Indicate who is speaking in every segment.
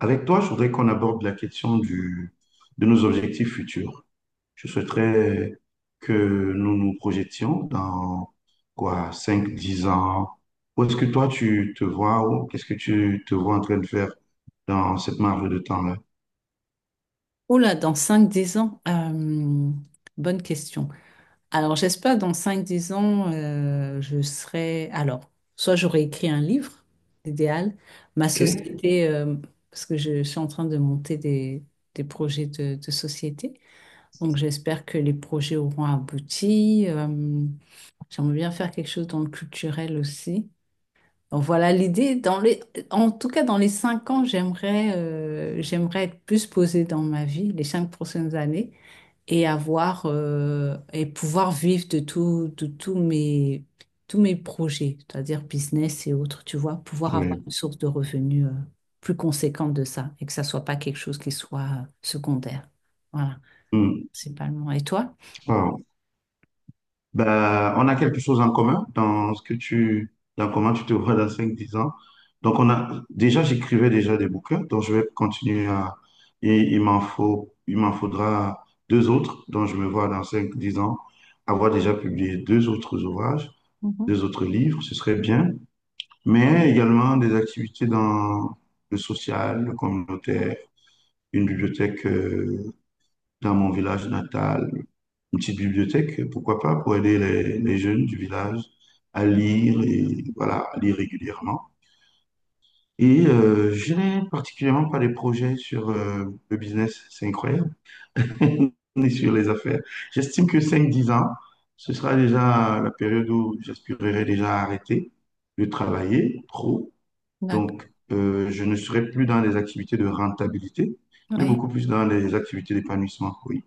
Speaker 1: Avec toi, je voudrais qu'on aborde la question de nos objectifs futurs. Je souhaiterais que nous nous projetions dans quoi, 5, 10 ans. Où est-ce que toi, tu te vois? Qu'est-ce que tu te vois en train de faire dans cette marge de temps-là?
Speaker 2: Oh là, dans cinq dix ans, bonne question. Alors, j'espère dans cinq dix ans, je serai... Alors, soit j'aurai écrit un livre, idéal, ma
Speaker 1: OK.
Speaker 2: société, parce que je suis en train de monter des projets de société. Donc, j'espère que les projets auront abouti. J'aimerais bien faire quelque chose dans le culturel aussi. Donc, voilà l'idée. Dans les... En tout cas, dans les 5 ans, j'aimerais être plus posée dans ma vie, les 5 prochaines années et avoir et pouvoir vivre de tous mes projets, c'est-à-dire business et autres, tu vois, pouvoir avoir une source de revenus plus conséquente de ça et que ça soit pas quelque chose qui soit secondaire. Voilà,
Speaker 1: Oui.
Speaker 2: principalement. Et toi?
Speaker 1: Ben, on a quelque chose en commun dans dans comment tu te vois dans cinq, dix ans. Donc, j'écrivais déjà des bouquins, donc je vais continuer et il m'en faudra deux autres, dont je me vois dans cinq, dix ans, avoir déjà publié deux autres ouvrages,
Speaker 2: Mhm.
Speaker 1: deux autres livres, ce serait bien, mais également des activités dans le social, le communautaire, une bibliothèque, dans mon village natal, une petite bibliothèque, pourquoi pas, pour aider les jeunes du village à lire et voilà, à lire régulièrement. Et je n'ai particulièrement pas de projets sur le business, c'est incroyable, ni sur les affaires. J'estime que cinq dix ans, ce sera déjà la période où j'aspirerai déjà à arrêter de travailler trop.
Speaker 2: D'accord.
Speaker 1: Donc, je ne serai plus dans les activités de rentabilité, mais
Speaker 2: Oui.
Speaker 1: beaucoup plus dans les activités d'épanouissement, oui.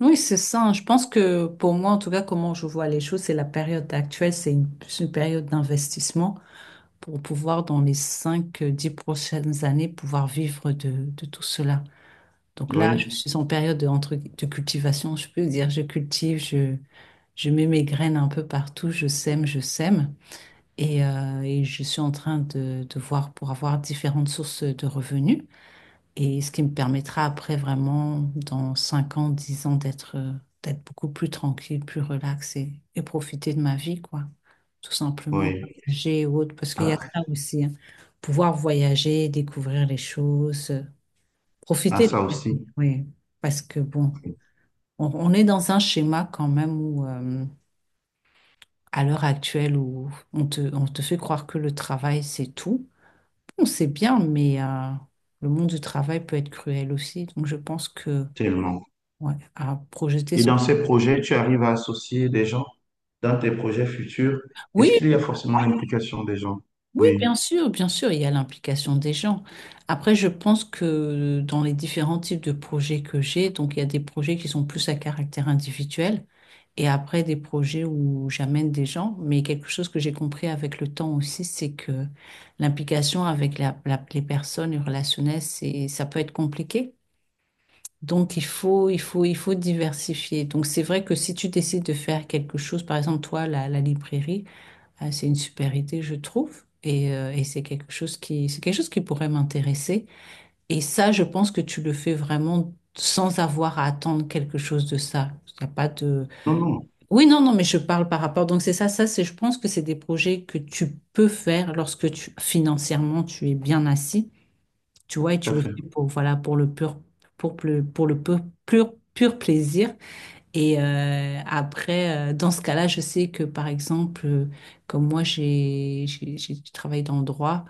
Speaker 2: Oui, c'est ça, hein. Je pense que pour moi, en tout cas, comment je vois les choses, c'est la période actuelle, c'est une période d'investissement pour pouvoir, dans les cinq dix prochaines années, pouvoir vivre de tout cela. Donc là, je
Speaker 1: Oui,
Speaker 2: suis en période de, entre, de cultivation, je peux dire, je cultive, je mets mes graines un peu partout, je sème, je sème. Et je suis en train de voir pour avoir différentes sources de revenus. Et ce qui me permettra après vraiment, dans 5 ans, 10 ans, d'être beaucoup plus tranquille, plus relax et profiter de ma vie, quoi. Tout simplement,
Speaker 1: oui.
Speaker 2: voyager ou autre, parce qu'il y a
Speaker 1: Après,
Speaker 2: ça aussi, hein. Pouvoir voyager, découvrir les choses,
Speaker 1: à
Speaker 2: profiter de...
Speaker 1: ça aussi,
Speaker 2: Oui, parce que bon. On est dans un schéma quand même où, à l'heure actuelle, où on te fait croire que le travail, c'est tout. On sait bien, mais le monde du travail peut être cruel aussi. Donc, je pense que,
Speaker 1: tellement.
Speaker 2: ouais, à projeter
Speaker 1: Et
Speaker 2: son...
Speaker 1: dans ces projets, tu arrives à associer des gens dans tes projets futurs. Est-ce qu'il y a
Speaker 2: Oui,
Speaker 1: forcément l'implication des gens?
Speaker 2: oui,
Speaker 1: Oui.
Speaker 2: bien sûr, il y a l'implication des gens. Après, je pense que dans les différents types de projets que j'ai, donc il y a des projets qui sont plus à caractère individuel et après des projets où j'amène des gens. Mais quelque chose que j'ai compris avec le temps aussi, c'est que l'implication avec les personnes, les relationnel, ça peut être compliqué. Donc il faut diversifier. Donc c'est vrai que si tu décides de faire quelque chose, par exemple toi, la librairie, ah, c'est une super idée, je trouve. Et c'est quelque chose qui pourrait m'intéresser. Et ça, je pense que tu le fais vraiment sans avoir à attendre quelque chose de ça. Il y a pas de...
Speaker 1: Non, non,
Speaker 2: Oui, non, non, mais je parle par rapport. Donc c'est ça, ça, c'est, je pense que c'est des projets que tu peux faire lorsque tu, financièrement, tu es bien assis. Tu vois, et
Speaker 1: tout
Speaker 2: tu
Speaker 1: à
Speaker 2: le
Speaker 1: fait.
Speaker 2: fais pour, voilà, pour le pur plaisir. Et après, dans ce cas-là, je sais que par exemple, comme moi, j'ai travaillé dans le droit,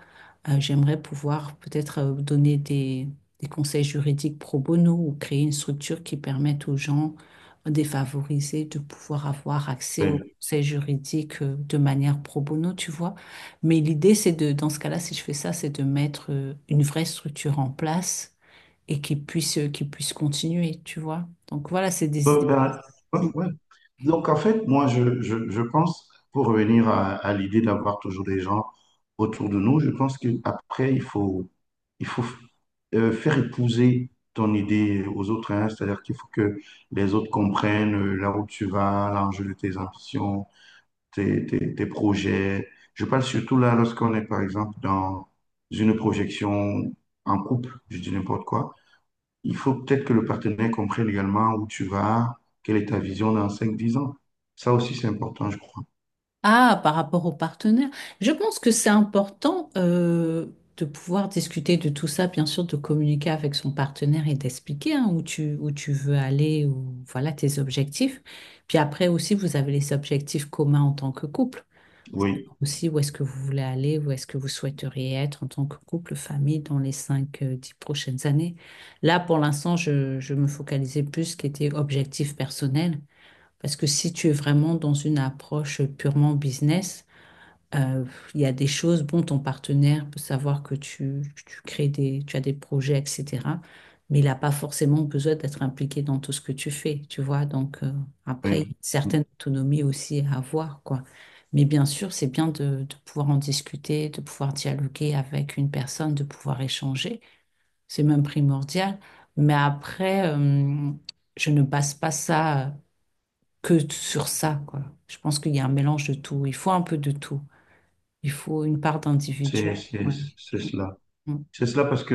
Speaker 2: j'aimerais pouvoir peut-être donner des conseils juridiques pro bono ou créer une structure qui permette aux gens défavorisés de pouvoir avoir accès aux
Speaker 1: Oui.
Speaker 2: conseils juridiques, de manière pro bono, tu vois. Mais l'idée, c'est de, dans ce cas-là, si je fais ça, c'est de mettre une vraie structure en place et qui puisse continuer, tu vois. Donc voilà, c'est des idées.
Speaker 1: Ben, ouais, ouais. Donc, en fait, moi, je pense, pour revenir à l'idée d'avoir toujours des gens autour de nous, je pense qu'après, il faut faire épouser ton idée aux autres. Hein. C'est-à-dire qu'il faut que les autres comprennent là où tu vas, l'enjeu de tes ambitions, tes projets. Je parle surtout là lorsqu'on est, par exemple, dans une projection en couple, je dis n'importe quoi. Il faut peut-être que le partenaire comprenne également où tu vas, quelle est ta vision dans cinq dix ans. Ça aussi, c'est important, je crois.
Speaker 2: Ah, par rapport au partenaire, je pense que c'est important, de pouvoir discuter de tout ça, bien sûr, de communiquer avec son partenaire et d'expliquer, hein, où tu veux aller, ou voilà tes objectifs. Puis après aussi, vous avez les objectifs communs en tant que couple.
Speaker 1: Oui,
Speaker 2: Savoir aussi, où est-ce que vous voulez aller, où est-ce que vous souhaiteriez être en tant que couple, famille dans les 5 dix prochaines années. Là, pour l'instant, je me focalisais plus ce qui était objectif personnel. Parce que si tu es vraiment dans une approche purement business, euh, il y a des choses, bon, ton partenaire peut savoir que tu as des projets, etc. Mais il n'a pas forcément besoin d'être impliqué dans tout ce que tu fais, tu vois. Donc, après, il y a
Speaker 1: oui.
Speaker 2: une certaine autonomie aussi à avoir, quoi. Mais bien sûr, c'est bien de pouvoir en discuter, de pouvoir dialoguer avec une personne, de pouvoir échanger. C'est même primordial. Mais après, je ne passe pas ça, que sur ça, quoi. Je pense qu'il y a un mélange de tout. Il faut un peu de tout. Il faut une part d'individuel.
Speaker 1: C'est c'est-
Speaker 2: Ouais.
Speaker 1: c'est cela.
Speaker 2: Ouais.
Speaker 1: C'est cela parce que,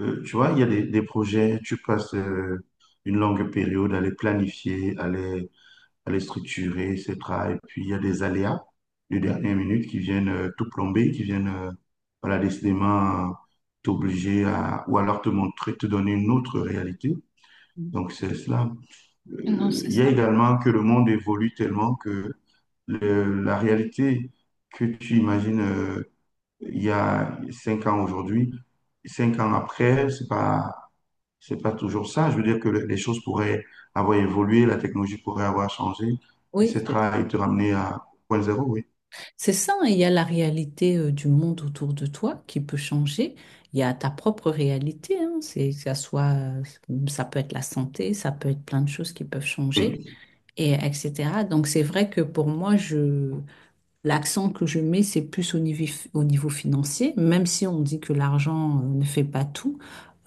Speaker 1: tu vois, il y a des projets, tu passes une longue période à les planifier, elle est structurée, etc. Et puis, il y a des aléas de dernière minute qui viennent tout plomber, qui viennent, voilà, décidément t'obliger à, ou alors te montrer, te donner une autre réalité.
Speaker 2: Mm.
Speaker 1: Donc, c'est cela.
Speaker 2: Mm. Non, c'est
Speaker 1: Il y a
Speaker 2: ça.
Speaker 1: également que le monde évolue tellement que la réalité que tu imagines il y a 5 ans aujourd'hui, 5 ans après, c'est pas toujours ça. Je veux dire que les choses pourraient avoir évolué, la technologie pourrait avoir changé, et
Speaker 2: Oui,
Speaker 1: etc.
Speaker 2: c'est
Speaker 1: et te ramener à point zéro, oui.
Speaker 2: C'est ça, hein, il y a la réalité, du monde autour de toi qui peut changer. Il y a ta propre réalité, hein, c'est que ça soit, ça peut être la santé, ça peut être plein de choses qui peuvent changer,
Speaker 1: Oui,
Speaker 2: et etc. Donc c'est vrai que pour moi, l'accent que je mets, c'est plus au niveau financier, même si on dit que l'argent, ne fait pas tout.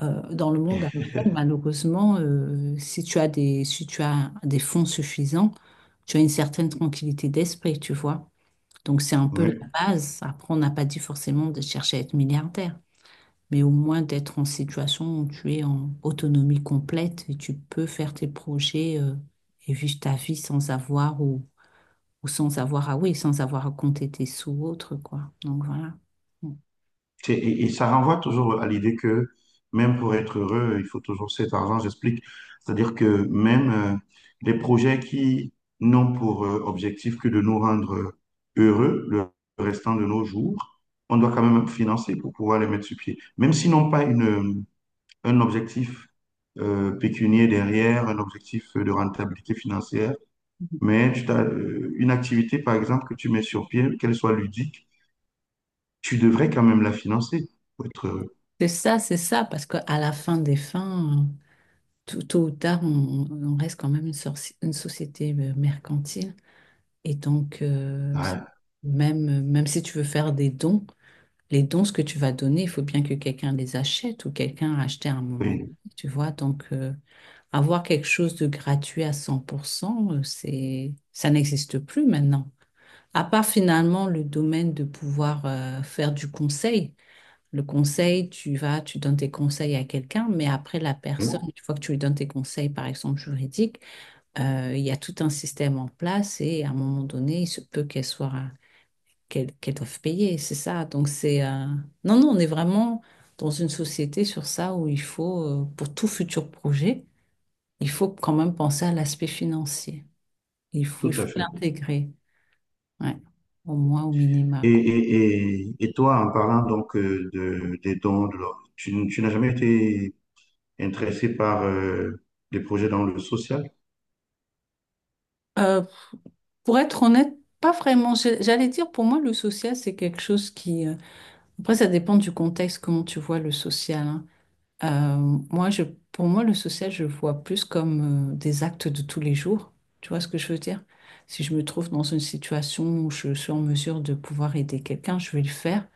Speaker 2: Dans le monde actuel, malheureusement, si tu as des fonds suffisants, tu as une certaine tranquillité d'esprit, tu vois. Donc, c'est un peu la
Speaker 1: oui.
Speaker 2: base. Après, on n'a pas dit forcément de chercher à être milliardaire, mais au moins d'être en situation où tu es en autonomie complète et tu peux faire tes projets, et vivre ta vie sans avoir ou sans avoir à, oui, sans avoir à compter tes sous ou autre, quoi. Donc voilà. Mm.
Speaker 1: Et ça renvoie toujours à l'idée que même pour être heureux, il faut toujours cet argent, j'explique. C'est-à-dire que même des projets qui n'ont pour objectif que de nous rendre heureux le restant de nos jours, on doit quand même financer pour pouvoir les mettre sur pied. Même s'ils n'ont pas une un objectif pécunier derrière, un objectif de rentabilité financière, mais tu t'as, une activité, par exemple, que tu mets sur pied, qu'elle soit ludique, tu devrais quand même la financer pour être heureux.
Speaker 2: C'est ça, parce qu'à la fin des fins, tôt ou tard, on reste quand même une société, mercantile. Et donc,
Speaker 1: Ouais,
Speaker 2: même si tu veux faire des dons, les dons, ce que tu vas donner, il faut bien que quelqu'un les achète ou quelqu'un a acheté à un moment.
Speaker 1: oui,
Speaker 2: Tu vois, donc, avoir quelque chose de gratuit à 100%, ça n'existe plus maintenant. À part finalement le domaine de pouvoir, faire du conseil. Le conseil, tu vas, tu donnes tes conseils à quelqu'un, mais après la personne,
Speaker 1: oui,
Speaker 2: une fois que tu lui donnes tes conseils, par exemple juridiques, il y a tout un système en place et à un moment donné, il se peut qu'elle doive payer, c'est ça. Donc non, non, on est vraiment dans une société sur ça où il faut, pour tout futur projet, il faut quand même penser à l'aspect financier. Il faut,
Speaker 1: tout
Speaker 2: il
Speaker 1: à
Speaker 2: faut
Speaker 1: fait.
Speaker 2: l'intégrer, ouais, au moins au
Speaker 1: Et,
Speaker 2: minima, quoi.
Speaker 1: et, et, et toi, en parlant donc des dons, tu n'as jamais été intéressé par des projets dans le social?
Speaker 2: Euh, Pour être honnête, pas vraiment. J'allais dire, pour moi, le social, c'est quelque chose qui... Après, ça dépend du contexte, comment tu vois le social, hein. Euh, moi, pour moi, le social, je le vois plus comme des actes de tous les jours. Tu vois ce que je veux dire? Si je me trouve dans une situation où je suis en mesure de pouvoir aider quelqu'un, je vais le faire.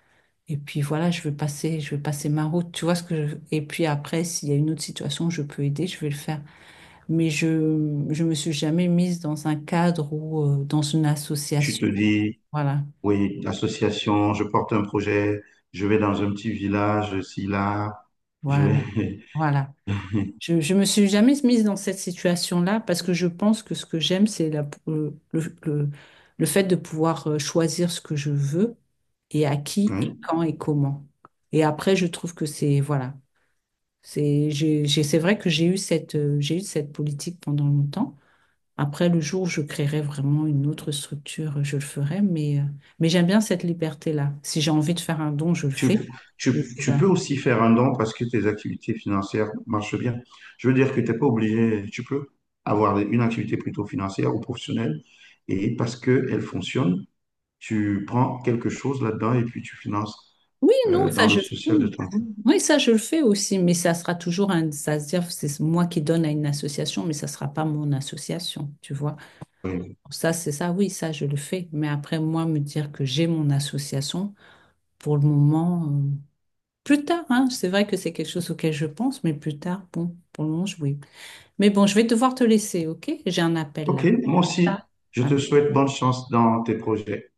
Speaker 2: Et puis voilà, je vais passer ma route. Tu vois ce que je... Et puis après, s'il y a une autre situation où je peux aider, je vais le faire, mais je me suis jamais mise dans un cadre ou dans une
Speaker 1: Tu te
Speaker 2: association.
Speaker 1: dis,
Speaker 2: Voilà,
Speaker 1: oui, l'association, je porte un projet, je vais dans un petit village, ici, là, je
Speaker 2: voilà,
Speaker 1: vais.
Speaker 2: voilà. Je me suis jamais mise dans cette situation-là parce que je pense que ce que j'aime, c'est le fait de pouvoir, choisir ce que je veux et à qui et
Speaker 1: Oui.
Speaker 2: quand et comment. Et après, je trouve que c'est voilà, c'est vrai que j'ai eu cette politique pendant longtemps. Après, le jour où je créerai vraiment une autre structure, je le ferai, mais j'aime bien cette liberté-là. Si j'ai envie de faire un don, je le
Speaker 1: Tu,
Speaker 2: fais.
Speaker 1: tu-
Speaker 2: Et
Speaker 1: tu
Speaker 2: voilà.
Speaker 1: peux aussi faire un don parce que tes activités financières marchent bien. Je veux dire que tu n'es pas obligé, tu peux avoir une activité plutôt financière ou professionnelle et parce qu'elle fonctionne, tu prends quelque chose là-dedans et puis tu finances
Speaker 2: Oui, non, ça
Speaker 1: dans le
Speaker 2: je
Speaker 1: social de
Speaker 2: oui,
Speaker 1: ton.
Speaker 2: oui, ça je le fais aussi, mais ça sera toujours un, ça se dire c'est moi qui donne à une association, mais ça sera pas mon association, tu vois.
Speaker 1: Oui.
Speaker 2: Ça c'est ça, oui, ça je le fais, mais après moi me dire que j'ai mon association pour le moment, plus tard, hein, c'est vrai que c'est quelque chose auquel je pense, mais plus tard, bon, pour le moment, oui. Mais bon, je vais devoir te laisser, ok? J'ai un appel
Speaker 1: OK,
Speaker 2: là.
Speaker 1: moi aussi,
Speaker 2: Ah,
Speaker 1: je te souhaite bonne chance dans tes projets.